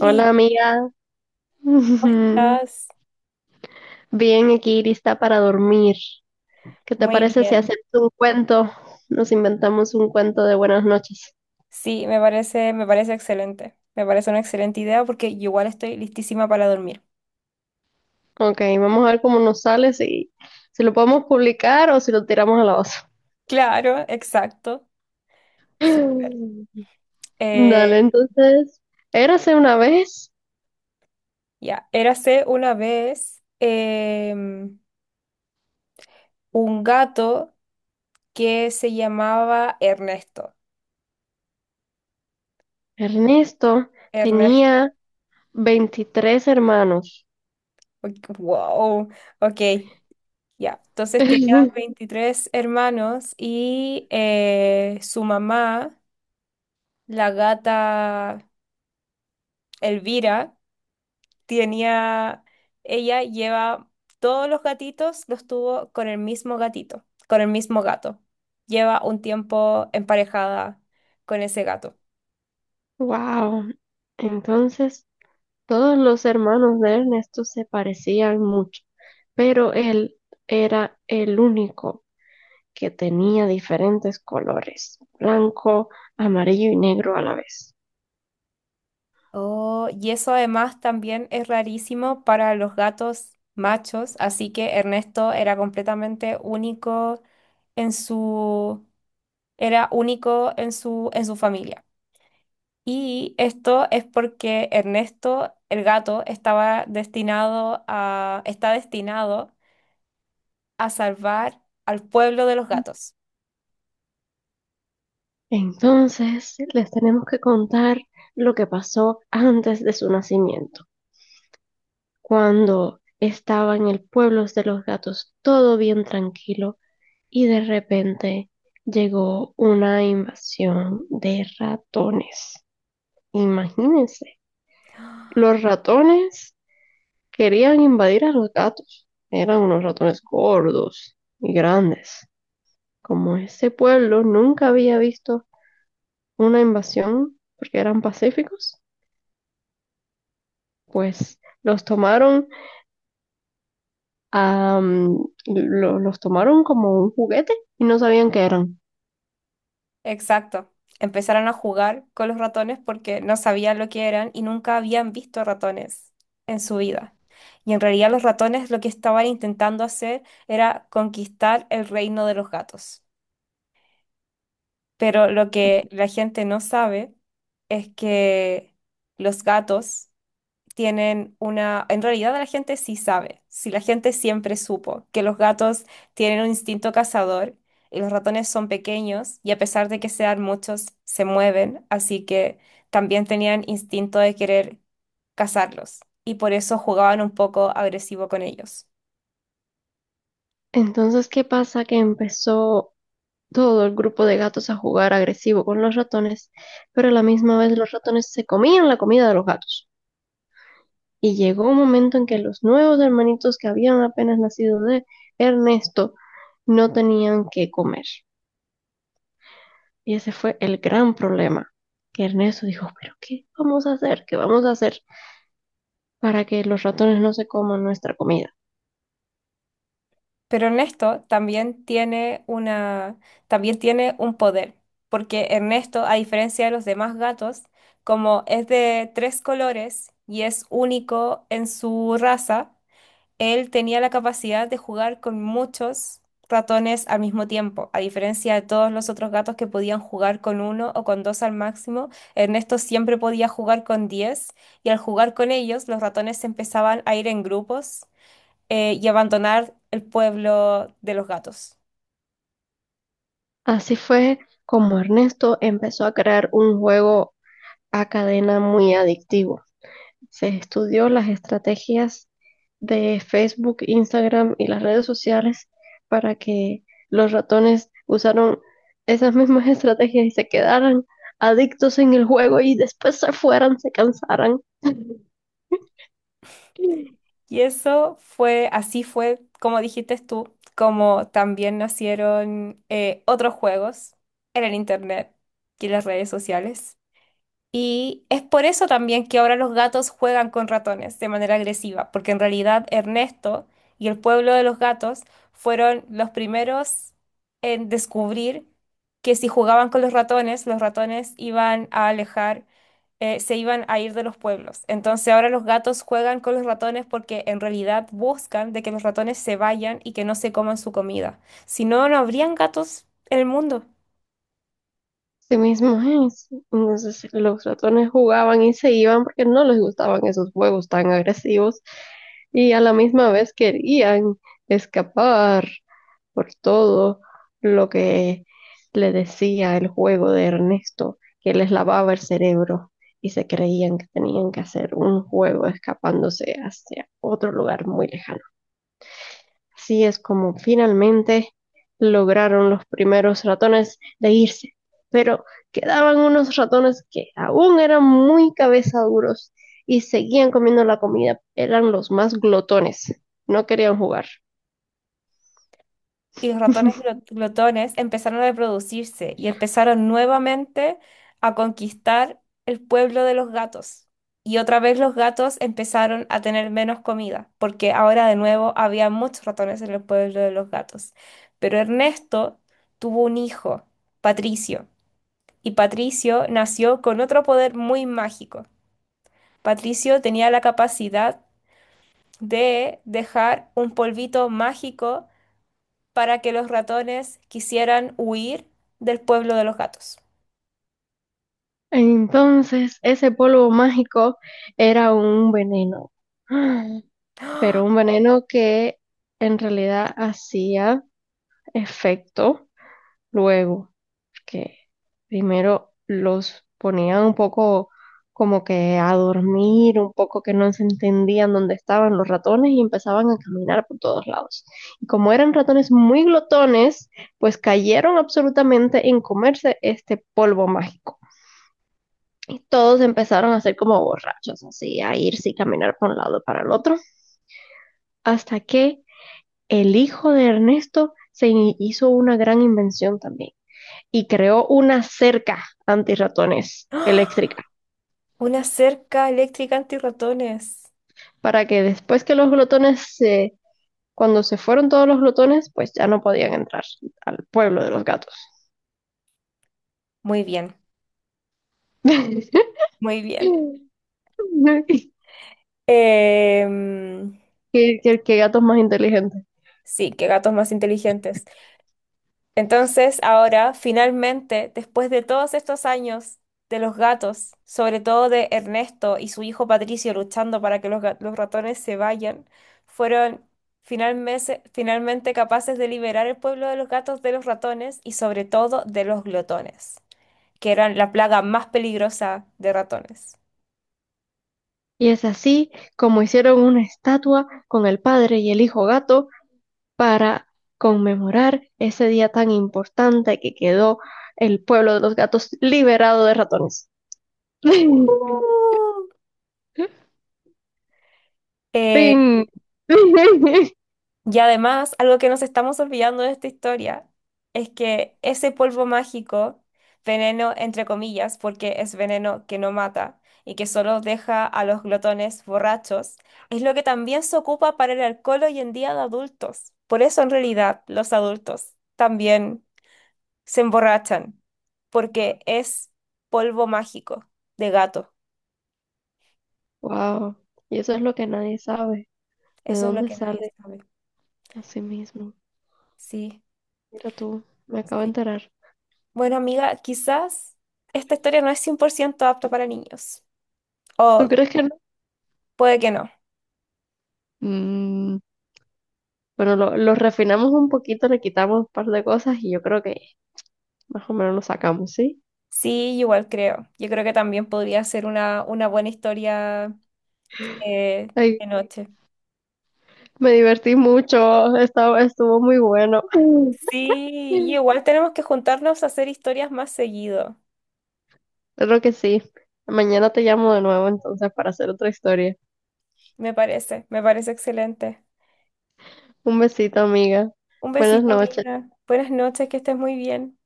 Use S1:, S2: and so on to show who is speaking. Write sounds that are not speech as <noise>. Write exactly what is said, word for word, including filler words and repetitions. S1: Hola amiga,
S2: ¿cómo
S1: <laughs>
S2: estás?
S1: bien aquí lista para dormir. ¿Qué te
S2: Muy
S1: parece si
S2: bien.
S1: hacemos un cuento? Nos inventamos un cuento de buenas noches.
S2: Sí, me parece, me parece excelente. Me parece una excelente idea porque yo igual estoy listísima para dormir.
S1: Ok, vamos a ver cómo nos sale, si, si lo podemos publicar o si lo tiramos a la osa.
S2: Claro, exacto.
S1: <gasps>
S2: Súper.
S1: <laughs> Dale,
S2: Eh,
S1: entonces, érase una vez,
S2: ya, Érase una vez em, un gato que se llamaba Ernesto.
S1: Ernesto
S2: Ernesto.
S1: tenía veintitrés hermanos.
S2: Ok, wow. Ok, ya. Entonces tenía
S1: <laughs>
S2: veintitrés hermanos y eh, su mamá, la gata Elvira, tenía, ella lleva todos los gatitos, los tuvo con el mismo gatito, con el mismo gato. Lleva un tiempo emparejada con ese gato.
S1: Wow. Entonces, todos los hermanos de Ernesto se parecían mucho, pero él era el único que tenía diferentes colores, blanco, amarillo y negro a la vez.
S2: Oh, y eso además también es rarísimo para los gatos machos, así que Ernesto era completamente único en su, era único en su, en su familia. Y esto es porque Ernesto, el gato, estaba destinado a, está destinado a salvar al pueblo de los gatos.
S1: Entonces, les tenemos que contar lo que pasó antes de su nacimiento, cuando estaba en el pueblo de los gatos todo bien tranquilo y de repente llegó una invasión de ratones. Imagínense. Los ratones querían invadir a los gatos. Eran unos ratones gordos y grandes. Como este pueblo nunca había visto una invasión porque eran pacíficos, pues los tomaron, a, lo- los tomaron como un juguete y no sabían qué eran.
S2: Exacto. Empezaron a jugar con los ratones porque no sabían lo que eran y nunca habían visto ratones en su vida. Y en realidad los ratones lo que estaban intentando hacer era conquistar el reino de los gatos. Pero lo que la gente no sabe es que los gatos tienen una... En realidad la gente sí sabe, si la gente siempre supo que los gatos tienen un instinto cazador y los ratones son pequeños y a pesar de que sean muchos, se mueven, así que también tenían instinto de querer cazarlos y por eso jugaban un poco agresivo con ellos.
S1: Entonces, ¿qué pasa? Que empezó todo el grupo de gatos a jugar agresivo con los ratones, pero a la misma vez los ratones se comían la comida de los gatos. Y llegó un momento en que los nuevos hermanitos que habían apenas nacido de Ernesto no tenían que comer. Y ese fue el gran problema, que Ernesto dijo, pero ¿qué vamos a hacer? ¿Qué vamos a hacer para que los ratones no se coman nuestra comida?
S2: Pero Ernesto también tiene una, también tiene un poder, porque Ernesto, a diferencia de los demás gatos, como es de tres colores y es único en su raza, él tenía la capacidad de jugar con muchos ratones al mismo tiempo. A diferencia de todos los otros gatos que podían jugar con uno o con dos al máximo, Ernesto siempre podía jugar con diez, y al jugar con ellos, los ratones empezaban a ir en grupos eh, y abandonar el pueblo de los gatos.
S1: Así fue como Ernesto empezó a crear un juego a cadena muy adictivo. Se estudió las estrategias de Facebook, Instagram y las redes sociales para que los ratones usaron esas mismas <laughs> estrategias y se quedaran adictos en el juego y después se fueran, se cansaran. <laughs>
S2: Y eso fue, así fue, como dijiste tú, como también nacieron eh, otros juegos en el internet y en las redes sociales. Y es por eso también que ahora los gatos juegan con ratones de manera agresiva, porque en realidad Ernesto y el pueblo de los gatos fueron los primeros en descubrir que si jugaban con los ratones, los ratones iban a alejar, eh, se iban a ir de los pueblos. Entonces ahora los gatos juegan con los ratones porque en realidad buscan de que los ratones se vayan y que no se coman su comida. Si no, no habrían gatos en el mundo.
S1: Sí mismo es. Entonces los ratones jugaban y se iban porque no les gustaban esos juegos tan agresivos y a la misma vez querían escapar por todo lo que le decía el juego de Ernesto, que les lavaba el cerebro y se creían que tenían que hacer un juego escapándose hacia otro lugar muy lejano. Así es como finalmente lograron los primeros ratones de irse, pero quedaban unos ratones que aún eran muy cabezaduros y seguían comiendo la comida. Eran los más glotones, no querían jugar.
S2: Y los ratones
S1: <laughs>
S2: glo- glotones empezaron a reproducirse y empezaron nuevamente a conquistar el pueblo de los gatos. Y otra vez los gatos empezaron a tener menos comida, porque ahora de nuevo había muchos ratones en el pueblo de los gatos. Pero Ernesto tuvo un hijo, Patricio, y Patricio nació con otro poder muy mágico. Patricio tenía la capacidad de dejar un polvito mágico para que los ratones quisieran huir del pueblo de los gatos.
S1: Entonces, ese polvo mágico era un veneno, <gasps> pero un veneno que en realidad hacía efecto luego. Que primero los ponían un poco como que a dormir, un poco que no se entendían dónde estaban los ratones y empezaban a caminar por todos lados. Y como eran ratones muy glotones, pues cayeron absolutamente en comerse este polvo mágico. Y todos empezaron a ser como borrachos, así, a irse y caminar por un lado para el otro, hasta que el hijo de Ernesto se hizo una gran invención también. Y creó una cerca antirratones
S2: ¡Ah!
S1: eléctrica
S2: Una cerca eléctrica antirratones.
S1: para que después que los glotones se... Cuando se fueron todos los glotones, pues ya no podían entrar al pueblo de los gatos.
S2: Muy bien,
S1: <laughs>
S2: muy bien.
S1: ¿Qué,
S2: Em,
S1: qué- qué gatos más inteligentes.
S2: sí, qué gatos más inteligentes. Entonces, ahora, finalmente, después de todos estos años de los gatos, sobre todo de Ernesto y su hijo Patricio luchando para que los, ga- los ratones se vayan, fueron finalmente, finalmente capaces de liberar el pueblo de los gatos de los ratones y sobre todo de los glotones, que eran la plaga más peligrosa de ratones.
S1: Y es así como hicieron una estatua con el padre y el hijo gato para conmemorar ese día tan importante que quedó el pueblo de los gatos liberado de ratones.
S2: Oh.
S1: <laughs> Fin.
S2: Y además, algo que nos estamos olvidando de esta historia es que ese polvo mágico, veneno entre comillas, porque es veneno que no mata y que solo deja a los glotones borrachos, es lo que también se ocupa para el alcohol hoy en día de adultos. Por eso en realidad los adultos también se emborrachan, porque es polvo mágico de gato.
S1: Wow, y eso es lo que nadie sabe, de
S2: Eso es lo
S1: dónde
S2: que nadie
S1: sale
S2: sabe.
S1: así mismo.
S2: Sí,
S1: Mira tú, me acabo de
S2: sí.
S1: enterar.
S2: Bueno, amiga, quizás esta historia no es cien por ciento apta para niños.
S1: ¿Tú
S2: O
S1: crees que no?
S2: puede que no.
S1: Mm, bueno, lo, lo refinamos un poquito, le quitamos un par de cosas y yo creo que más o menos lo sacamos, ¿sí?
S2: Sí, igual creo. Yo creo que también podría ser una, una buena historia eh,
S1: Ay,
S2: de noche.
S1: me divertí mucho, estaba, estuvo muy bueno.
S2: Sí, y
S1: <laughs>
S2: igual tenemos que juntarnos a hacer historias más seguido.
S1: Creo que sí. Mañana te llamo de nuevo entonces para hacer otra historia.
S2: Me parece, me parece excelente.
S1: Un besito, amiga.
S2: Un
S1: Buenas
S2: besito,
S1: noches.
S2: amiga. Buenas noches, que estés muy bien.